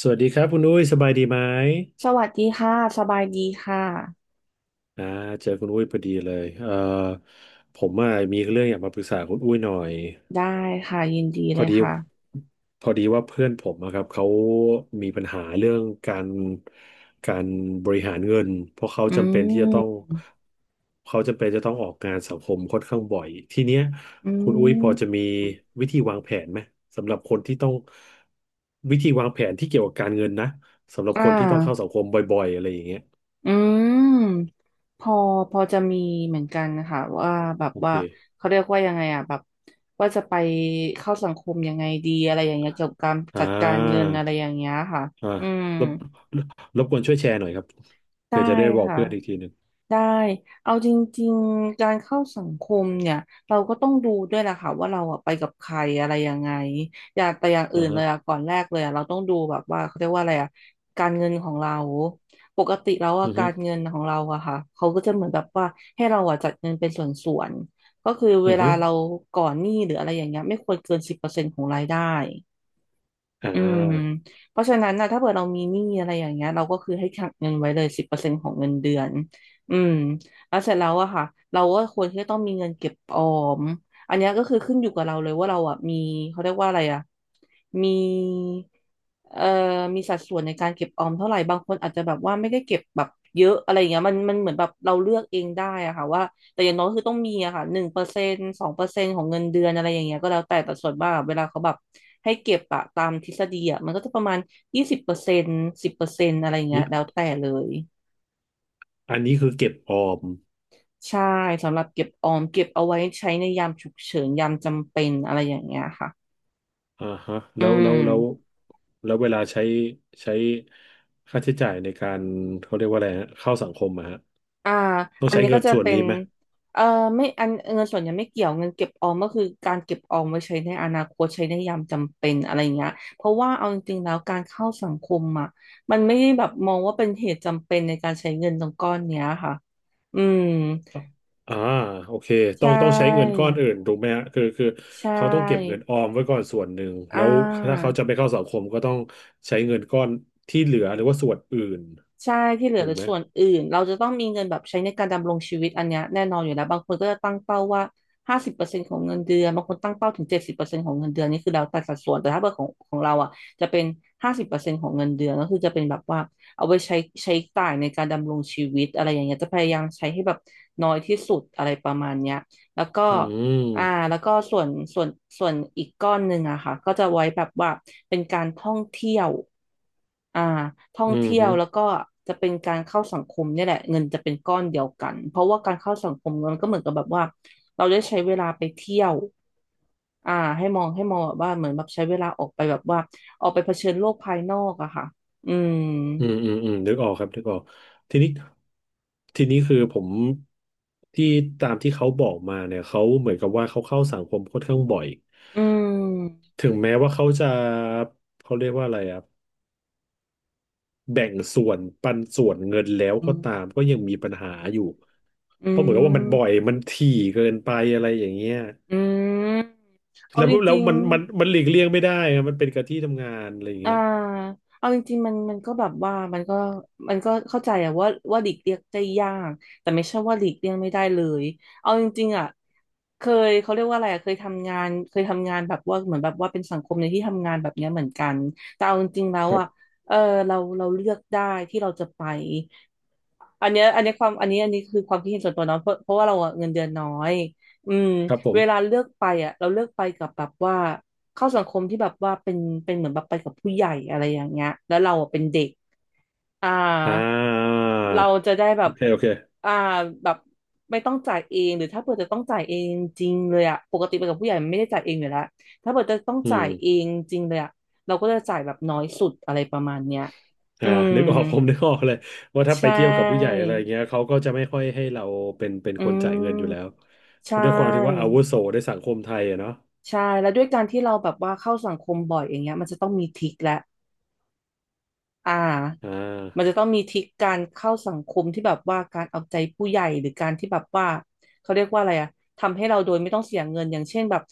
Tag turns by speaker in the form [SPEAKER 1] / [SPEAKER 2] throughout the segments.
[SPEAKER 1] สวัสดีครับคุณอุ้ยสบายดีไหม
[SPEAKER 2] สวัสดีค่ะสบายดีค่ะ
[SPEAKER 1] อ่าเจอคุณอุ้ยพอดีเลยผมอ่ะมีเรื่องอยากมาปรึกษาคุณอุ้ยหน่อย
[SPEAKER 2] ได้ค่ะยินดี
[SPEAKER 1] พ
[SPEAKER 2] เล
[SPEAKER 1] อ
[SPEAKER 2] ย
[SPEAKER 1] ดี
[SPEAKER 2] ค่ะ
[SPEAKER 1] พอดีว่าเพื่อนผมอะครับเขามีปัญหาเรื่องการบริหารเงินเพราะเขา
[SPEAKER 2] อื
[SPEAKER 1] จำเป็นที่จะต้อง
[SPEAKER 2] ม
[SPEAKER 1] เขาจำเป็นจะต้องออกงานสังคมค่อนข้างบ่อยทีเนี้ย
[SPEAKER 2] อื
[SPEAKER 1] คุณอุ้ยพ
[SPEAKER 2] ม
[SPEAKER 1] อจะมีวิธีวางแผนไหมสำหรับคนที่ต้องวิธีวางแผนที่เกี่ยวกับการเงินนะสำหรับ
[SPEAKER 2] อ่
[SPEAKER 1] คนที่ต้องเข้าสั
[SPEAKER 2] า
[SPEAKER 1] งคมบ่อยๆอะไรอย่างเงี้ย
[SPEAKER 2] อืมพอพอจะมีเหมือนกันนะคะว่าแบบ
[SPEAKER 1] โอเค
[SPEAKER 2] ว่าเขาเรียกว่ายังไงอ่ะแบบว่าจะไปเข้าสังคมยังไงดีอะไรอย่างเงี้ยเกี่ยวกับการ
[SPEAKER 1] อ่
[SPEAKER 2] จัดการเงิน
[SPEAKER 1] า
[SPEAKER 2] อะไรอย่างเงี้ยค่ะ
[SPEAKER 1] อ่า
[SPEAKER 2] อืม
[SPEAKER 1] รบรบกวนช่วยแชร์หน่อยครับ
[SPEAKER 2] ได้
[SPEAKER 1] เพื่อจะได้บอก
[SPEAKER 2] ค่ะ
[SPEAKER 1] เพื่อนอีกทีหนึ่ง
[SPEAKER 2] ได้เอาจริงๆการเข้าสังคมเนี่ยเราก็ต้องดูด้วยแหละค่ะว่าเราอะไปกับใครอะไรยังไงอย่าแต่อย่างอื่
[SPEAKER 1] อ่า
[SPEAKER 2] นเล
[SPEAKER 1] ฮะ
[SPEAKER 2] ยอะก่อนแรกเลยอะเราต้องดูแบบว่าเขาเรียกว่าอะไรอะการเงินของเราปกติแล้วอะ
[SPEAKER 1] อือ
[SPEAKER 2] กา
[SPEAKER 1] ฮึ
[SPEAKER 2] รเงินของเราอะค่ะเขาก็จะเหมือนแบบว่าให้เราอะจัดเงินเป็นส่วนๆก็คือเว
[SPEAKER 1] อือ
[SPEAKER 2] ลา
[SPEAKER 1] ฮึ
[SPEAKER 2] เราก่อนหนี้หรืออะไรอย่างเงี้ยไม่ควรเกินสิบเปอร์เซ็นต์ของรายได้
[SPEAKER 1] อ่
[SPEAKER 2] อืม
[SPEAKER 1] า
[SPEAKER 2] เพราะฉะนั้นนะถ้าเกิดเรามีหนี้อะไรอย่างเงี้ยเราก็คือให้ขังเงินไว้เลยสิบเปอร์เซ็นต์ของเงินเดือนอืมแล้วเสร็จแล้วอะค่ะเราก็ควรที่จะต้องมีเงินเก็บออมอันเนี้ยก็คือขึ้นอยู่กับเราเลยว่าเราอะมีเขาเรียกว่าอะไรอะมีเอ่อมีสัดส่วนในการเก็บออมเท่าไหร่บางคนอาจจะแบบว่าไม่ได้เก็บแบบเยอะอะไรอย่างเงี้ยมันเหมือนแบบเราเลือกเองได้อะค่ะว่า แต่อย่างน้อยคือต้องมีอะค่ะ1%2%ของเงินเดือนอะไรอย่างเงี้ยก็แล้วแต่แต่ส่วนมากอะเวลาเขาแบบให้เก็บอะตามทฤษฎีอะมันก็จะประมาณ20%สิบเปอร์เซ็นต์อะไรอย่างเงี้ยแล้ว
[SPEAKER 1] นี่
[SPEAKER 2] แต่เลย
[SPEAKER 1] อันนี้คือเก็บออม
[SPEAKER 2] ใช่สำหรับเก็บออมเก็บเอาไว้ใช้ในยามฉุกเฉินยามจำเป็นอะไรอย่างเงี้ยค่ะ
[SPEAKER 1] อ่าฮะ
[SPEAKER 2] อืม
[SPEAKER 1] แล้วเวลาใช้ค่าใช้จ่ายในการเขาเรียกว่าอะไรฮะเข้าสังคมอะฮะ
[SPEAKER 2] อ่า
[SPEAKER 1] ต้อง
[SPEAKER 2] อัน
[SPEAKER 1] ใช้
[SPEAKER 2] นี้
[SPEAKER 1] เงิ
[SPEAKER 2] ก็
[SPEAKER 1] น
[SPEAKER 2] จะ
[SPEAKER 1] ส่วน
[SPEAKER 2] เป็น
[SPEAKER 1] นี้ไหม
[SPEAKER 2] เอ่อไม่อันเงินส่วนใหญ่ไม่เกี่ยวเงินเก็บออมก็คือการเก็บออมไว้ใช้ในอนาคตใช้ในยามจำเป็นอะไรเงี้ยเพราะว่าเอาจริงๆแล้วการเข้าสังคมอ่ะมันไม่ได้แบบมองว่าเป็นเหตุจำเป็นในการใช้เงินตรงก้อนเนี้ยค่ะอืม
[SPEAKER 1] อ่าโอเคต้อ
[SPEAKER 2] ใช่
[SPEAKER 1] งต้องใช้เงินก้อนอื่นถูกไหมฮะคือคือ
[SPEAKER 2] ใช
[SPEAKER 1] เขาต้องเก็บเงิ
[SPEAKER 2] ่
[SPEAKER 1] นออมไว้ก่อนส่วนหนึ่ง
[SPEAKER 2] อ่
[SPEAKER 1] แล้วถ้า
[SPEAKER 2] า
[SPEAKER 1] เขาจะไปเข้าสังคมก็ต้องใช้เงินก้อนที่เหลือหรือว่าส่วนอื่น
[SPEAKER 2] ใช่ที่เหลือ
[SPEAKER 1] ถู
[SPEAKER 2] ห
[SPEAKER 1] ก
[SPEAKER 2] รือ
[SPEAKER 1] ไหม
[SPEAKER 2] ส่วนอื่นเราจะต้องมีเงินแบบใช้ในการดำรงชีวิตอันเนี้ยแน่นอนอยู่แล้วบางคนก็จะตั้งเป้าว่าห้าสิบเปอร์เซ็นต์ของเงินเดือนบางคนตั้งเป้าถึง70%ของเงินเดือนนี่คือแล้วแต่สัดส่วนแต่ถ้าเบอร์ของเราอ่ะจะเป็นห้าสิบเปอร์เซ็นต์ของเงินเดือนก็คือจะเป็นแบบว่าเอาไว้ใช้จ่ายในการดำรงชีวิตอะไรอย่างเงี้ยจะพยายามใช้ให้แบบน้อยที่สุดอะไรประมาณเนี้ยแล้วก็
[SPEAKER 1] อืม
[SPEAKER 2] อ่าแล้วก็ส่วนส่วนอีกก้อนหนึ่งอะค่ะก็จะไว้แบบว่าเป็นการท่องเที่ยวอ่าท่อง
[SPEAKER 1] อืม
[SPEAKER 2] เที่ย
[SPEAKER 1] ฮึ
[SPEAKER 2] วแล้วก็จะเป็นการเข้าสังคมเนี่ยแหละเงินจะเป็นก้อนเดียวกันเพราะว่าการเข้าสังคมมันก็เหมือนกับแบบว่าเราได้ใช้เวลาไปเที่ยวอ่าให้มองแบบว่าเหมือนแบบใช้เวลาออกไปแบบว่าออกไปเผชิญโลกภายนอกอะค่ะอืม
[SPEAKER 1] อืมนึกออกครับนึกออกทีนี้ทีนี้คือผมที่ตามที่เขาบอกมาเนี่ย เขาเหมือนกับว่าเขาเข้าสังคมค่อนข้างบ่อย
[SPEAKER 2] อืม
[SPEAKER 1] ถึงแม้ว่าเขาจะเขาเรียกว่าอะไรอ่ะ แบ่งส่วนปันส่วนเงินแล้ว
[SPEAKER 2] อื
[SPEAKER 1] ก็
[SPEAKER 2] ม
[SPEAKER 1] ตามก็ยังมีปัญหาอยู่
[SPEAKER 2] อื
[SPEAKER 1] เพราะเหมือนกับว่ามันบ่อย
[SPEAKER 2] ม
[SPEAKER 1] มันถี่เกินไปอะไรอย่างเงี้ย
[SPEAKER 2] อืมเอา
[SPEAKER 1] แล้ว
[SPEAKER 2] จ
[SPEAKER 1] แล้ว
[SPEAKER 2] ริง
[SPEAKER 1] มันหลีกเลี่ยงไม่ได้อะมันเป็นกับที่ทำงานอะไรอย่าง
[SPEAKER 2] อ่า
[SPEAKER 1] เงี้ย
[SPEAKER 2] เอาจริงๆมันก็แบบว่ามันก็เข้าใจอะว่าหลีกเลี่ยงได้ยากแต่ไม่ใช่ว่าหลีกเลี่ยงไม่ได้เลยเอาจริงๆอะเคยเขาเรียกว่าอะไรอะเคยทำงานแบบว่าเหมือนแบบว่าเป็นสังคมในที่ทำงานแบบเนี้ยเหมือนกันแต่เอาจริงๆแล้ว
[SPEAKER 1] ครั
[SPEAKER 2] อะ
[SPEAKER 1] บ
[SPEAKER 2] เออเราเลือกได้ที่เราจะไป อันนี้คือความคิดเห็นส่วนตัวเนาะเพราะว่าเราอะเงินเดือนน้อยอืม
[SPEAKER 1] ครับผ
[SPEAKER 2] เว
[SPEAKER 1] ม
[SPEAKER 2] ลาเลือกไปอ่ะเราเลือกไปกับแบบว่าเข้าสังคมที่แบบว่าเป็นเหมือนแบบไปกับผู้ใหญ่อะไรอย่างเงี้ยแล้วเราอะเป็นเด็กอ่า
[SPEAKER 1] อ่
[SPEAKER 2] เรา
[SPEAKER 1] า
[SPEAKER 2] จะได้แบ
[SPEAKER 1] โอ
[SPEAKER 2] บ
[SPEAKER 1] เคโอเค
[SPEAKER 2] อ่าแบบไม่ต้องจ่ายเองหรือถ้าเผื่อจะต้องจ่ายเองจริงเลยอ่ะปกติไปกับผู้ใหญ่มันไม่ได้จ่ายเองอยู่แล้วถ้าเผื่อจะต้อง
[SPEAKER 1] อื
[SPEAKER 2] จ่ายเอ
[SPEAKER 1] ม
[SPEAKER 2] งจริงเลยอ่ะเราก็จะจ่ายแบบน้อยสุดอะไรประมาณเนี้ยอื
[SPEAKER 1] อ่า
[SPEAKER 2] ม
[SPEAKER 1] นึกออกผมนึกออกเลยว่าถ้าไป
[SPEAKER 2] ใช่
[SPEAKER 1] เที่ยวกับผู้ใหญ่อะไรเงี้ยเขาก็จะไม่ค่อยให้เราเป็น
[SPEAKER 2] อื
[SPEAKER 1] คนจ่ายเงินอยู่แล้ว
[SPEAKER 2] มใช
[SPEAKER 1] ด้วยความที่ว่าอา
[SPEAKER 2] ่
[SPEAKER 1] วุโสในสังคมไทยอะเนาะ
[SPEAKER 2] ใช่แล้วด้วยการที่เราแบบว่าเข้าสังคมบ่อยอย่างเงี้ยมันจะต้องมีทริคและอ่า
[SPEAKER 1] อ่
[SPEAKER 2] มันจะ
[SPEAKER 1] า
[SPEAKER 2] ต้องมีทริคการเข้าสังคมที่แบบว่าการเอาใจผู้ใหญ่หรือการที่แบบว่าเขาเรียกว่าอะไรอะทำให้เราโดยไม่ต้องเสียเงินอย่างเช่นแบบ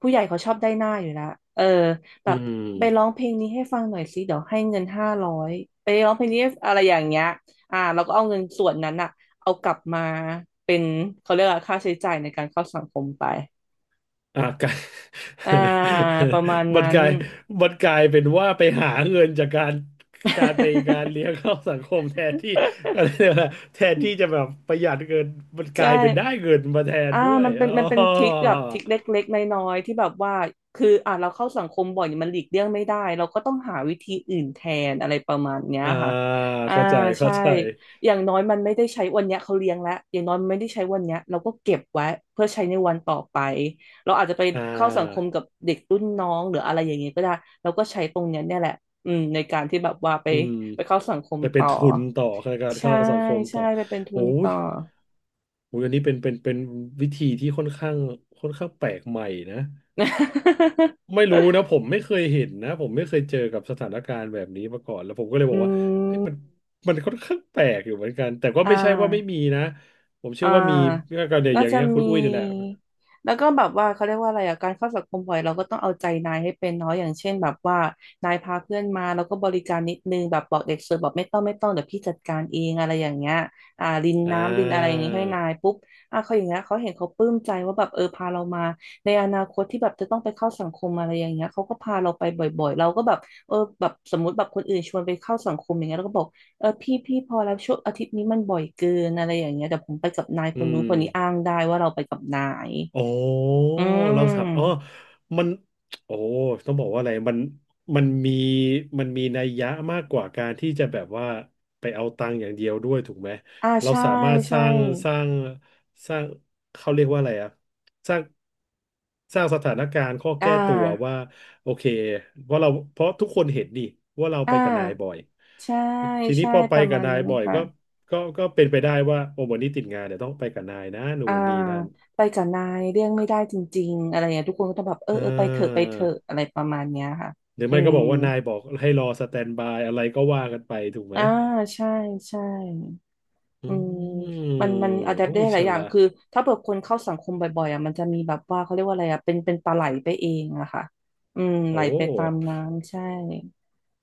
[SPEAKER 2] ผู้ใหญ่เขาชอบได้หน้าอยู่แล้วเออแบ
[SPEAKER 1] อื
[SPEAKER 2] บ
[SPEAKER 1] ม
[SPEAKER 2] ไปร้องเพลงนี้ให้ฟังหน่อยสิเดี๋ยวให้เงิน500ไปร้องเพลงนี้อะไรอย่างเงี้ยเราก็เอาเงินส่วนนั้นอะเอากลับมาเป็นเขาเรียกว่าค่าใช้จ่ายในการเข้าสังคมไป
[SPEAKER 1] อ่ะกลาย
[SPEAKER 2] อ่าประมาณ
[SPEAKER 1] มัน
[SPEAKER 2] นั้
[SPEAKER 1] ก
[SPEAKER 2] น
[SPEAKER 1] ลายมันกลายเป็นว่าไปหาเงินจากการการไปการ เลี้ยงเข้าสังคมแทนที่อะไรเนี่ยนะแทนที่จะแบบประหยัดเงินมันก
[SPEAKER 2] ใช่
[SPEAKER 1] ลายเป็นได้เงินมาแทน
[SPEAKER 2] อ่า
[SPEAKER 1] ด้วย
[SPEAKER 2] มันเป็
[SPEAKER 1] อ๋
[SPEAKER 2] น
[SPEAKER 1] อ
[SPEAKER 2] มันเป็นทริคแบบทริคเล็กๆน้อยๆที่แบบว่าคือเราเข้าสังคมบ่อยมันหลีกเลี่ยงไม่ได้เราก็ต้องหาวิธีอื่นแทนอะไรประมาณเนี้ย
[SPEAKER 1] อ่า
[SPEAKER 2] ค่ะอ่า
[SPEAKER 1] เข้าใจเข้า
[SPEAKER 2] ใช่
[SPEAKER 1] ใจ
[SPEAKER 2] อย่างน้อยมันไม่ได้ใช้วันเนี้ยเขาเลี้ยงแล้วอย่างน้อยมันไม่ได้ใช้วันเนี้ยเราก็เก็บไว้เพื่อใช้ในวันต่อไปเราอาจจะไป
[SPEAKER 1] อ่
[SPEAKER 2] เข้าสังคม
[SPEAKER 1] า
[SPEAKER 2] กับเด็กรุ่นน้องหรืออะไรอย่างเงี้ยก็ได้เราก็ใช้ตรงเนี้ยเนี่ยแหละอืมในการที่แบบว่าไป
[SPEAKER 1] อืม
[SPEAKER 2] ไปเข้าสังคม
[SPEAKER 1] ไปเป็
[SPEAKER 2] ต่
[SPEAKER 1] น
[SPEAKER 2] อ
[SPEAKER 1] ทุนต่อในการ
[SPEAKER 2] ใช่
[SPEAKER 1] เข้าสังคม
[SPEAKER 2] ใช่
[SPEAKER 1] ต่อ
[SPEAKER 2] ไปเป็นทุ
[SPEAKER 1] โอ้
[SPEAKER 2] น
[SPEAKER 1] ย
[SPEAKER 2] ต่อ
[SPEAKER 1] โอ้ยอันนี้เป็นวิธีที่ค่อนข้างแปลกใหม่นะ ไม่รู้ นะผมไม่เคยเห็นนะผมไม่เคยเจอกับสถานการณ์แบบนี้มาก่อนแล้วผมก็เลยบอ
[SPEAKER 2] อื
[SPEAKER 1] กว่าเฮ้ย
[SPEAKER 2] ม
[SPEAKER 1] มันค่อนข้างแปลกอยู่เหมือนกันแต่ก็
[SPEAKER 2] อ่
[SPEAKER 1] ไม่ใช่ว่าไม่
[SPEAKER 2] า
[SPEAKER 1] มีนะผม
[SPEAKER 2] อ่
[SPEAKER 1] เชื่อว่ามี
[SPEAKER 2] า
[SPEAKER 1] ก็เนี่ยอ
[SPEAKER 2] น่า
[SPEAKER 1] ย่าง
[SPEAKER 2] จะ
[SPEAKER 1] เงี้ยคุณ
[SPEAKER 2] มี
[SPEAKER 1] อุ้ยนี่แหละ
[SPEAKER 2] แล้วก็แบบว่าเขาเรียกว่าอะไรอ่ะการเข้าสังคมบ่อยเราก็ต้องเอาใจนายให้เป็นเนาะอย่างเช่นแบบว่านายพาเพื่อนมาแล้วก็บริการนิดนึงแบบบอกเด็กเสิร์ฟบอกไม่ต้องไม่ต้องเดี๋ยวพี่จัดการเองอะไรอย่างเงี้ยริน
[SPEAKER 1] อ่
[SPEAKER 2] น้ำรินอะไรอย่าง
[SPEAKER 1] า
[SPEAKER 2] งี้ให้นายปุ๊บอ่ะเขาอย่างเงี้ยเขาเห็นเขาปลื้มใจว่าแบบเออพาเรามาในอนาคตที่แบบจะต้องไปเข้าสังคมอะไรอย่างเงี้ยเขาก็พาเราไปบ่อยๆเราก็แบบเออแบบสมมติแบบคนอื่นชวนไปเข้าสังคมอย่างเงี้ยเราก็บอก เออพี่พอแล้วช่วงอาทิตย์นี้มันบ่อยเกินอะไรอย่างเงี้ยเดี๋ยวผมไปกับนาย
[SPEAKER 1] อื
[SPEAKER 2] คนนู้นคนนี้อ้า
[SPEAKER 1] ม
[SPEAKER 2] งได้ว่าเราไปกับนาย
[SPEAKER 1] อ๋อ
[SPEAKER 2] อื
[SPEAKER 1] เราสับอ๋อ
[SPEAKER 2] ม
[SPEAKER 1] มันโอ้ต้องบอกว่าอะไรมันมันมีมันมีนัยยะมากกว่าการที่จะแบบว่าไปเอาตังค์อย่างเดียวด้วยถูกไหมเรา
[SPEAKER 2] ใช่
[SPEAKER 1] สามารถ
[SPEAKER 2] ใช่
[SPEAKER 1] สร้างสร้างเขาเรียกว่าอะไรอะสร้างสถานการณ์ข้อ
[SPEAKER 2] อ่า
[SPEAKER 1] แก้ตัวว่าโอเคเพราะทุกคนเห็นนี่ว่าเราไป
[SPEAKER 2] อ่า
[SPEAKER 1] กับนายบ่อย
[SPEAKER 2] ใช่
[SPEAKER 1] ทีนี้
[SPEAKER 2] ใช่
[SPEAKER 1] พอไป
[SPEAKER 2] ประ
[SPEAKER 1] กั
[SPEAKER 2] มา
[SPEAKER 1] บ
[SPEAKER 2] ณ
[SPEAKER 1] นาย
[SPEAKER 2] นั้น
[SPEAKER 1] บ่อย
[SPEAKER 2] ค่ะ
[SPEAKER 1] ก็ก็เป็นไปได้ว่าโอ้วันนี้ติดงานเดี๋ยวต้องไปกับนายนะนู่
[SPEAKER 2] อ่า
[SPEAKER 1] นนี่นั่น
[SPEAKER 2] ไปกับนายเรื่องไม่ได้จริงๆอะไรอย่างเงี้ยทุกคนก็ต้องแบบเออ
[SPEAKER 1] อ่
[SPEAKER 2] เออไปเถอะไป
[SPEAKER 1] า
[SPEAKER 2] เถอะอะไรประมาณเนี้ยค่ะ
[SPEAKER 1] หรือ
[SPEAKER 2] อื
[SPEAKER 1] ไม่ก็
[SPEAKER 2] ม
[SPEAKER 1] บอกว่านายบอกให้รอสแตนบายอะไรก็ว่ากันไปถูกไหม
[SPEAKER 2] อ่าใช่ใช่
[SPEAKER 1] อื
[SPEAKER 2] อืม
[SPEAKER 1] ม
[SPEAKER 2] มันอะแดป
[SPEAKER 1] โอ้
[SPEAKER 2] ได้ห
[SPEAKER 1] ฉ
[SPEAKER 2] ลายอย่าง
[SPEAKER 1] ลาด
[SPEAKER 2] คือถ้าเผื่อคนเข้าสังคมบ่อยๆอ่ะมันจะมีแบบว่าเขาเรียกว่าอะไรอ่ะเป็นปลาไหลไปเองอะค่ะอืมไหล
[SPEAKER 1] โอ้
[SPEAKER 2] ไปตามน้ำใช่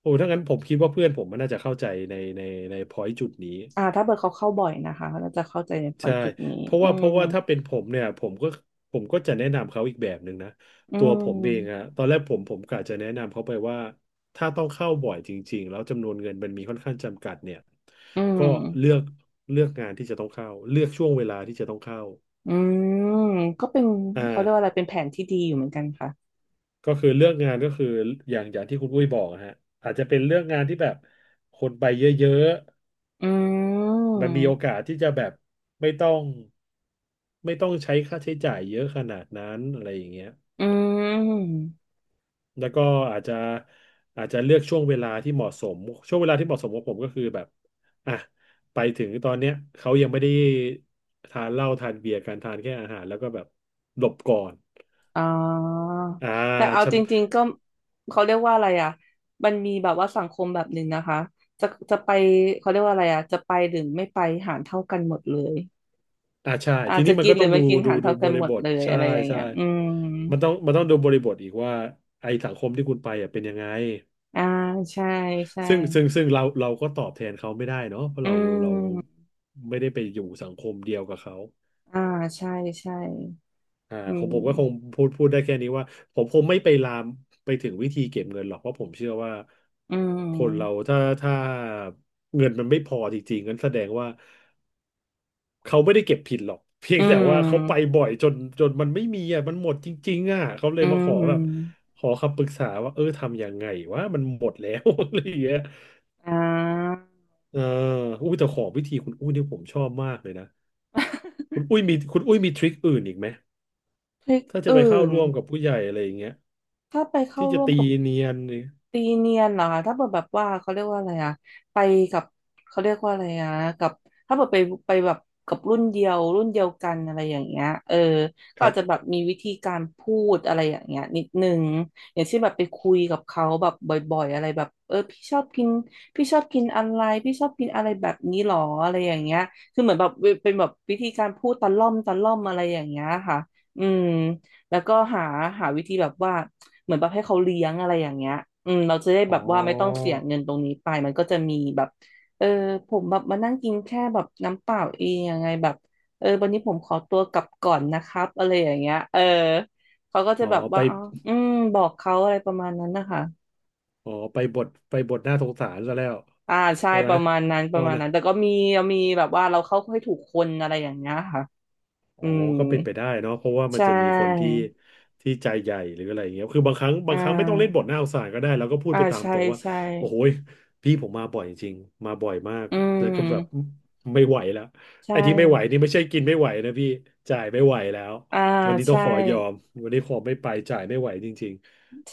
[SPEAKER 1] โอ้ถ้างั้นผมคิดว่าเพื่อนผมมันน่าจะเข้าใจในในพอยต์จุดนี้
[SPEAKER 2] ถ้าเผื่อเขาเข้าบ่อยนะคะเราจะเข้าใจในพอย
[SPEAKER 1] ใช่
[SPEAKER 2] จุดนี้อื
[SPEAKER 1] เพ
[SPEAKER 2] ม
[SPEAKER 1] ราะว่าถ้าเป็นผมเนี่ยผมก็จะแนะนำเขาอีกแบบหนึ่งนะ
[SPEAKER 2] อื
[SPEAKER 1] ตัวผมเองอะ
[SPEAKER 2] ม
[SPEAKER 1] ตอนแรกผมกะจะแนะนำเขาไปว่าถ้าต้องเข้าบ่อยจริงๆแล้วจำนวนเงินมันมีค่อนข้างจำกัดเนี่ย
[SPEAKER 2] อืม
[SPEAKER 1] ก็เลือกเลือกงานที่จะต้องเข้าเลือกช่วงเวลาที่จะต้องเข้า
[SPEAKER 2] อืมก็เป็น
[SPEAKER 1] อ่
[SPEAKER 2] เขาเรียกว่าอะไร
[SPEAKER 1] า
[SPEAKER 2] เป็นแผนที่ดีอยู่เหมือนกันค่ะ
[SPEAKER 1] ก็คือเลือกงานก็คืออย่างอย่างที่คุณอุ้ยบอกอะฮะอาจจะเป็นเลือกงานที่แบบคนไปเยอะ
[SPEAKER 2] อื
[SPEAKER 1] ๆ
[SPEAKER 2] ม
[SPEAKER 1] มันมีโอกาสที่จะแบบไม่ต้องไม่ต้องใช้ค่าใช้จ่ายเยอะขนาดนั้นอะไรอย่างเงี้ย
[SPEAKER 2] อืม
[SPEAKER 1] แล้วก็อาจจะอาจจะเลือกช่วงเวลาที่เหมาะสมช่วงเวลาที่เหมาะสมของผมก็คือแบบอ่ะไปถึงตอนเนี้ยเขายังไม่ได้ทานเหล้าทานเบียร์กันทานแค่อาหารแล้วก็แบบหลบก่อน
[SPEAKER 2] อ๋อ
[SPEAKER 1] อ่
[SPEAKER 2] แต่เอา
[SPEAKER 1] า
[SPEAKER 2] จริงๆก็เขาเรียกว่าอะไรอ่ะมันมีแบบว่าสังคมแบบหนึ่งนะคะจะจะไปเขาเรียกว่าอะไรอ่ะจะไปหรือไม่ไปหารเท่ากันหมดเลย
[SPEAKER 1] อ่าใช่
[SPEAKER 2] อา
[SPEAKER 1] ที
[SPEAKER 2] จจะ
[SPEAKER 1] นี้มัน
[SPEAKER 2] กิน
[SPEAKER 1] ก็
[SPEAKER 2] หรื
[SPEAKER 1] ต้อ
[SPEAKER 2] อ
[SPEAKER 1] งดู
[SPEAKER 2] ไม่กิน
[SPEAKER 1] ดู
[SPEAKER 2] หาร
[SPEAKER 1] ดู
[SPEAKER 2] เท่า
[SPEAKER 1] บ
[SPEAKER 2] กัน
[SPEAKER 1] ริ
[SPEAKER 2] หม
[SPEAKER 1] บ
[SPEAKER 2] ด
[SPEAKER 1] ท
[SPEAKER 2] เลย
[SPEAKER 1] ใช่
[SPEAKER 2] อะไรอย่าง
[SPEAKER 1] ใช่
[SPEAKER 2] เงี้ยอืม
[SPEAKER 1] มันต้องดูบริบทอีกว่าไอสังคมที่คุณไปอ่ะเป็นยังไง
[SPEAKER 2] อ่าใช่ใช่
[SPEAKER 1] ซึ่งเราก็ตอบแทนเขาไม่ได้เนาะเพราะ
[SPEAKER 2] อื
[SPEAKER 1] เราเรา
[SPEAKER 2] ม
[SPEAKER 1] ไม่ได้ไปอยู่สังคมเดียวกับเขา
[SPEAKER 2] อ่าใช่ใช่
[SPEAKER 1] อ่า
[SPEAKER 2] อื
[SPEAKER 1] ของผมก็คง
[SPEAKER 2] ม
[SPEAKER 1] พูดได้แค่นี้ว่าผมคงไม่ไปลามไปถึงวิธีเก็บเงินหรอกเพราะผมเชื่อว่า
[SPEAKER 2] อื
[SPEAKER 1] คนเรา
[SPEAKER 2] ม
[SPEAKER 1] ถ้าเงินมันไม่พอจริงๆงั้นแสดงว่า เขาไม่ได้เก็บผิดหรอก เพีย
[SPEAKER 2] อื
[SPEAKER 1] งแต่ว่าเขาไป
[SPEAKER 2] ม
[SPEAKER 1] บ่อยจนมันไม่มีอ่ะมันหมดจริงๆอ่ะเขาเล
[SPEAKER 2] อื
[SPEAKER 1] ยมาขอแบบ
[SPEAKER 2] ม
[SPEAKER 1] ขอคำปรึกษาว่าเออทำยังไงวะมันหมดแล้ว อะไรอย่างเงี้ย
[SPEAKER 2] อ่า
[SPEAKER 1] เอออุ้ยแต่ขอวิธีคุณอุ้ยเนี่ยผมชอบมากเลยนะคุณ อุ้ยมีทริคอื่นอีกไหม
[SPEAKER 2] พริก
[SPEAKER 1] ถ้าจะไปเข้า
[SPEAKER 2] อื่น
[SPEAKER 1] ร่วมกับผู้ใหญ่อะไรอย่างเงี้ย
[SPEAKER 2] ถ้าไปเข้า
[SPEAKER 1] ที่จะ
[SPEAKER 2] ร่วม
[SPEAKER 1] ตี
[SPEAKER 2] กับ
[SPEAKER 1] เนียนนี่
[SPEAKER 2] ตีเนียนเหรอคะถ้าเกิดแบบว่าเขาเรียกว่าอะไรอะไปกับเขาเรียกว่าอะไรอะกับถ้าเกิดไปไปแบบกับรุ่นเดียวกันอะไรอย่างเงี้ยเออก็
[SPEAKER 1] ครั
[SPEAKER 2] อาจจะแบ
[SPEAKER 1] บ
[SPEAKER 2] บมีวิธีการพูดอะไรอย่างเงี้ยนิดนึงอย่างเช่นแบบไปคุยกับเขาแบบบ่อยๆอะไรแบบเออพี่ชอบกินอะไรพี่ชอบกินอะไรแบบนี้หรออะไรอย่างเงี้ยคือเหมือนแบบเป็นแบบวิธีการพูดตะล่อมอะไรอย่างเงี้ยค่ะอืม แล้วก็หาวิธีแบบว่าเหมือนแบบให้เขาเลี้ยงอะไรอย่างเงี้ยอืมเราจะได้
[SPEAKER 1] อ๋
[SPEAKER 2] แบบว่าไม่ต้อง
[SPEAKER 1] อ
[SPEAKER 2] เสียเงินตรงนี้ไปมันก็จะมีแบบเออผมแบบมานั่งกินแค่แบบน้ำเปล่าเองยังไงแบบเออวันนี้ผมขอตัวกลับก่อนนะครับอะไรอย่างเงี้ยเออเขาก็จะ
[SPEAKER 1] อ๋อ
[SPEAKER 2] แบบ
[SPEAKER 1] ไป
[SPEAKER 2] ว่าอ๋ออืมบอกเขาอะไรประมาณนั้นนะคะ
[SPEAKER 1] อ๋อไปบทหน้าสงสารซะแล้ว
[SPEAKER 2] อ่าใช่
[SPEAKER 1] ใช่ไห
[SPEAKER 2] ป
[SPEAKER 1] ม
[SPEAKER 2] ระมาณนั้นป
[SPEAKER 1] พ่
[SPEAKER 2] ระ
[SPEAKER 1] อ
[SPEAKER 2] มาณ
[SPEAKER 1] นะ
[SPEAKER 2] นั้นแต่ก็มีมีแบบว่าเราเข้าให้ถูกคนอะไรอย่างเงี้ยค่ะ
[SPEAKER 1] อ๋อ
[SPEAKER 2] อืม
[SPEAKER 1] ก็เป็นไปได้เนาะเพราะว่ามัน
[SPEAKER 2] ใช่
[SPEAKER 1] จะมีคนที่ที่ใจใหญ่หรืออะไรอย่างเงี้ยคือบางครั้ง
[SPEAKER 2] อ่
[SPEAKER 1] บางครั้งไม่ต้องเล่นบ
[SPEAKER 2] า
[SPEAKER 1] ทหน้าสงสารก็ได้แล้วก็พูดไปตาม
[SPEAKER 2] ใช่
[SPEAKER 1] ตรงว่า
[SPEAKER 2] ใช่
[SPEAKER 1] โอ้โหยพี่ผมมาบ่อยจริงมาบ่อยมาก
[SPEAKER 2] อื
[SPEAKER 1] แล้วก็แบบ
[SPEAKER 2] ม
[SPEAKER 1] ไม่ไหวแล้ว
[SPEAKER 2] ใช
[SPEAKER 1] ไอ้ที่ไม่ไหว
[SPEAKER 2] ่
[SPEAKER 1] นี่ไม่ใช่กินไม่ไหวนะพี่ จ่ายไม่ไหวแล้ว
[SPEAKER 2] อ่า
[SPEAKER 1] วันนี้ต้อง
[SPEAKER 2] ใช่
[SPEAKER 1] ขอยอมวันนี้ขอไม่ไปจ่ายไม่ไหวจริง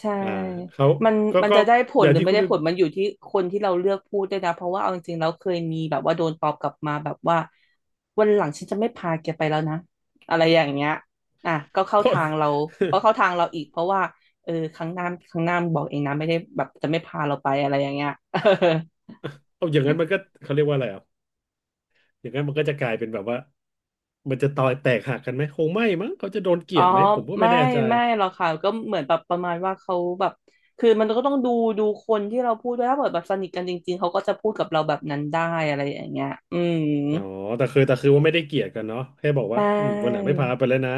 [SPEAKER 2] ใช่
[SPEAKER 1] อ่าเขา
[SPEAKER 2] มัน
[SPEAKER 1] ก็
[SPEAKER 2] มัน
[SPEAKER 1] ก็
[SPEAKER 2] จะได้ผ
[SPEAKER 1] อ
[SPEAKER 2] ล
[SPEAKER 1] ย่า
[SPEAKER 2] ห
[SPEAKER 1] ง
[SPEAKER 2] รือ
[SPEAKER 1] ที่
[SPEAKER 2] ไม่
[SPEAKER 1] คุณ
[SPEAKER 2] ได้ ผลมันอยู่ที่คนที่เราเลือกพูดด้วยนะ เพราะว่าเอาจริงๆเราเคยมีแบบว่าโดนตอบกลับมาแบบว่าวันหลังฉันจะไม่พาแกไปแล้วนะอะไรอย่างเงี้ยอ่ะก็เข้า
[SPEAKER 1] เพราะ
[SPEAKER 2] ทางเรา ก็เข้าทางเราอีกเพราะว่าเออครั้งหน้ามึงบอกเองนะไม่ได้แบบจะไม่พาเราไปอะไรอย่างเงี้ย
[SPEAKER 1] เอาอย่างนั้นมันก็เขาเรียกว่าอะไรอ่ะ อย่างนั้นมันก็จะกลายเป็นแบบว่ามันจะต่อยแตกหักกันไหมคงไม่มั้งเขาจะโดนเกลี
[SPEAKER 2] อ๋อ
[SPEAKER 1] ยดไหมผมก็ไม่
[SPEAKER 2] ไม่
[SPEAKER 1] แน่ใจ
[SPEAKER 2] หรอกค่ะก็เหมือนแบบประมาณว่าเขาแบบคือมันก็ต้องดูคนที่เราพูดด้วยถ้าเกิดแบบสนิทกันจริงๆเขาก็จะพูดกับเราแบบนั้นได้อะไรอย่างเงี้ยอืม
[SPEAKER 1] อ๋อแต่คือว่าไม่ได้เกลียดกันเนาะแค่บอก
[SPEAKER 2] ใช
[SPEAKER 1] ว่าอืมวันหลัง
[SPEAKER 2] ่
[SPEAKER 1] ไม่พาไปแล้วนะ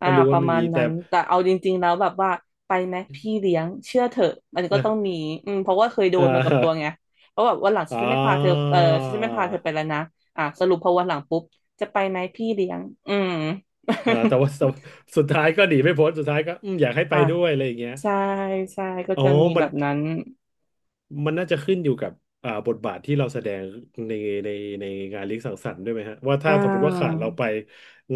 [SPEAKER 2] อ่า
[SPEAKER 1] ก็รู้
[SPEAKER 2] ป
[SPEAKER 1] ว่า
[SPEAKER 2] ระ
[SPEAKER 1] ไม่
[SPEAKER 2] มา
[SPEAKER 1] มี
[SPEAKER 2] ณ
[SPEAKER 1] แต่
[SPEAKER 2] นั้นแต่เอาจริงๆแล้วแบบว่าไปไหมพี่เลี้ยงเชื่อเถอะมันก็ต้อง
[SPEAKER 1] อ่ะ
[SPEAKER 2] มีอืมเพราะว่าเคยโด
[SPEAKER 1] อ่า
[SPEAKER 2] นมากับตัวไง
[SPEAKER 1] อ่
[SPEAKER 2] เพราะแบบวันหลังฉันจะไม่พาเธอ
[SPEAKER 1] า
[SPEAKER 2] เออฉันจะไม่พาเธอไปแล้วนะอ่ะสรุปพอวันหลังปุ๊บจะไปไหมพี่เลี้ยงอืม
[SPEAKER 1] อ่าแต่ว่าสุดท้ายก็หนีไม่พ้นสุดท้ายก็อืมอยากให้ ไป
[SPEAKER 2] อ่ะ
[SPEAKER 1] ด้วยอะไรอย่างเงี้ย
[SPEAKER 2] ใช่ใช่ก็
[SPEAKER 1] อ๋อ
[SPEAKER 2] จะมี
[SPEAKER 1] มั
[SPEAKER 2] แบ
[SPEAKER 1] น
[SPEAKER 2] บนั้น
[SPEAKER 1] มันน่าจะขึ้นอยู่กับอ่าบทบาทที่เราแสดงในในในงานเลี้ยงสังสรรค์ด้วยไหมฮะว่า
[SPEAKER 2] อ่
[SPEAKER 1] ถ้าสมมติว่าขาด
[SPEAKER 2] า
[SPEAKER 1] เราไป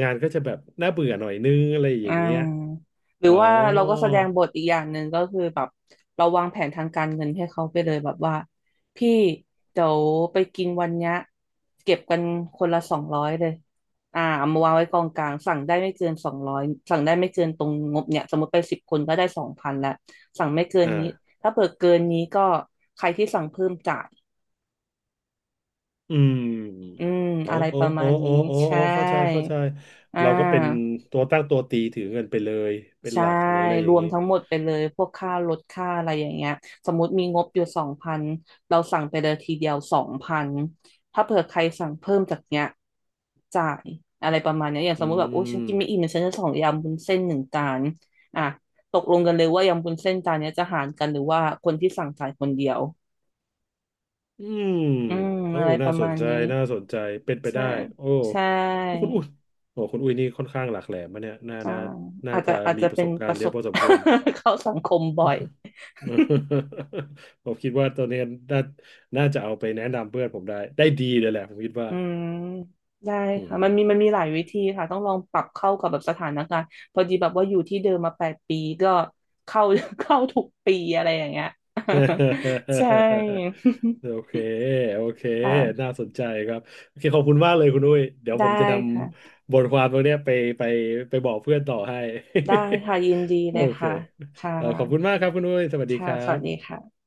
[SPEAKER 1] งานก็จะแบบน่าเบื่อหน่อยนึงอะไรอ
[SPEAKER 2] อ่
[SPEAKER 1] ย่างเงี้ย
[SPEAKER 2] าหรื
[SPEAKER 1] อ๋
[SPEAKER 2] อ
[SPEAKER 1] อ
[SPEAKER 2] ว่าเราก็แสดงบทอีกอย่างหนึ่งก็คือแบบเราวางแผนทางการเงินให้เขาไปเลยแบบว่าพี่เดี๋ยวไปกินวันเนี้ยเก็บกันคนละสองร้อยเลยอ่าเอามาวางไว้กองกลางสั่งได้ไม่เกินสองร้อยสั่งได้ไม่เกินตรงงบเนี่ยสมมติไป10 คนก็ได้สองพันละสั่งไม่เกิ
[SPEAKER 1] อ
[SPEAKER 2] นนี้
[SPEAKER 1] ่า
[SPEAKER 2] ถ้าเปิดเกินนี้ก็ใครที่สั่งเพิ่มจ่าย
[SPEAKER 1] อื
[SPEAKER 2] อื
[SPEAKER 1] ม
[SPEAKER 2] ม
[SPEAKER 1] โอ้
[SPEAKER 2] อะไร
[SPEAKER 1] โอ้
[SPEAKER 2] ประมา
[SPEAKER 1] โอ้
[SPEAKER 2] ณ
[SPEAKER 1] โอ้
[SPEAKER 2] นี้
[SPEAKER 1] โอ้โอ้
[SPEAKER 2] ใช่
[SPEAKER 1] เข้าใจเข้าใจ
[SPEAKER 2] อ่
[SPEAKER 1] เราก็เป็น
[SPEAKER 2] า
[SPEAKER 1] ตัวตั้งตัวตีถือเงินไปเลย เป็น
[SPEAKER 2] ใช่
[SPEAKER 1] หลักหรืออะไรอ
[SPEAKER 2] ร
[SPEAKER 1] ย่าง
[SPEAKER 2] วม
[SPEAKER 1] นี้
[SPEAKER 2] ทั้งหมดไปเลยพวกค่ารถค่าอะไรอย่างเงี้ยสมมติมีงบอยู่สองพันเราสั่งไปเลยทีเดียวสองพันถ้าเผื่อใครสั่งเพิ่มจากเนี้ยจ่ายอะไรประมาณเนี้ยอย่างส
[SPEAKER 1] อื
[SPEAKER 2] มมติแบบโอ้ฉันกินไม่
[SPEAKER 1] ม
[SPEAKER 2] อิ่มเดี๋ยวฉันจะสั่งยำวุ้นเส้นหนึ่งจานอ่ะตกลงกันเลยว่ายำวุ้นเส้นจานเนี้ยจะหารกันหรือว่าคนที่สั่งจ่ายคนเดียว
[SPEAKER 1] อืม
[SPEAKER 2] อืม
[SPEAKER 1] โอ้
[SPEAKER 2] อะไรป
[SPEAKER 1] น่า
[SPEAKER 2] ระ
[SPEAKER 1] ส
[SPEAKER 2] มา
[SPEAKER 1] น
[SPEAKER 2] ณ
[SPEAKER 1] ใจ
[SPEAKER 2] นี้
[SPEAKER 1] น่าสนใจ เป็นไป
[SPEAKER 2] ใช่
[SPEAKER 1] ได้โอ้
[SPEAKER 2] ใช่
[SPEAKER 1] คุณอุ้ยนี่ค่อนข้างหลากแหลมมะเนี่ยน่า
[SPEAKER 2] ใช่
[SPEAKER 1] น่าน่าจะ
[SPEAKER 2] อาจ
[SPEAKER 1] มี
[SPEAKER 2] จะ
[SPEAKER 1] ประ
[SPEAKER 2] เป็
[SPEAKER 1] ส
[SPEAKER 2] น
[SPEAKER 1] บกา
[SPEAKER 2] ป
[SPEAKER 1] ร
[SPEAKER 2] ระ
[SPEAKER 1] ณ์เย
[SPEAKER 2] ส
[SPEAKER 1] อะ
[SPEAKER 2] บ
[SPEAKER 1] พอสมควร
[SPEAKER 2] เข้าสังคมบ่อย
[SPEAKER 1] ผมคิดว่าตัวเนี้ยน่าน่าจะเอาไปแนะนำเพื่อนผมได้ ได้ดีเลยแหละผมคิดว่า
[SPEAKER 2] อืมได้
[SPEAKER 1] อื
[SPEAKER 2] ค่ะ
[SPEAKER 1] ม
[SPEAKER 2] มันมีหลายวิธีค่ะต้องลองปรับเข้ากับแบบสถานการณ์พอดีแบบว่าอยู่ที่เดิมมา8 ปีก็เข้า เข้าทุกปีอะไรอย่างเงี้ย ใช่
[SPEAKER 1] โอเค โอเค
[SPEAKER 2] ค่ะ
[SPEAKER 1] น่าสนใจครับ โอเค ขอบคุณมากเลยคุณอุ้ยเดี๋ยว
[SPEAKER 2] ได้
[SPEAKER 1] ผมจะน
[SPEAKER 2] ค่ะ
[SPEAKER 1] ำบทความตรงเนี้ยไปไปบอกเพื่อนต่อให้
[SPEAKER 2] ได้ค่ะยินดี
[SPEAKER 1] โอ
[SPEAKER 2] เลย
[SPEAKER 1] เค
[SPEAKER 2] ค่ะค่
[SPEAKER 1] ขอบคุณมา
[SPEAKER 2] ะ
[SPEAKER 1] กครับคุณอุ้ยสวัสดีค
[SPEAKER 2] ค่ะ
[SPEAKER 1] รั
[SPEAKER 2] สวั
[SPEAKER 1] บ
[SPEAKER 2] สดีค่ะ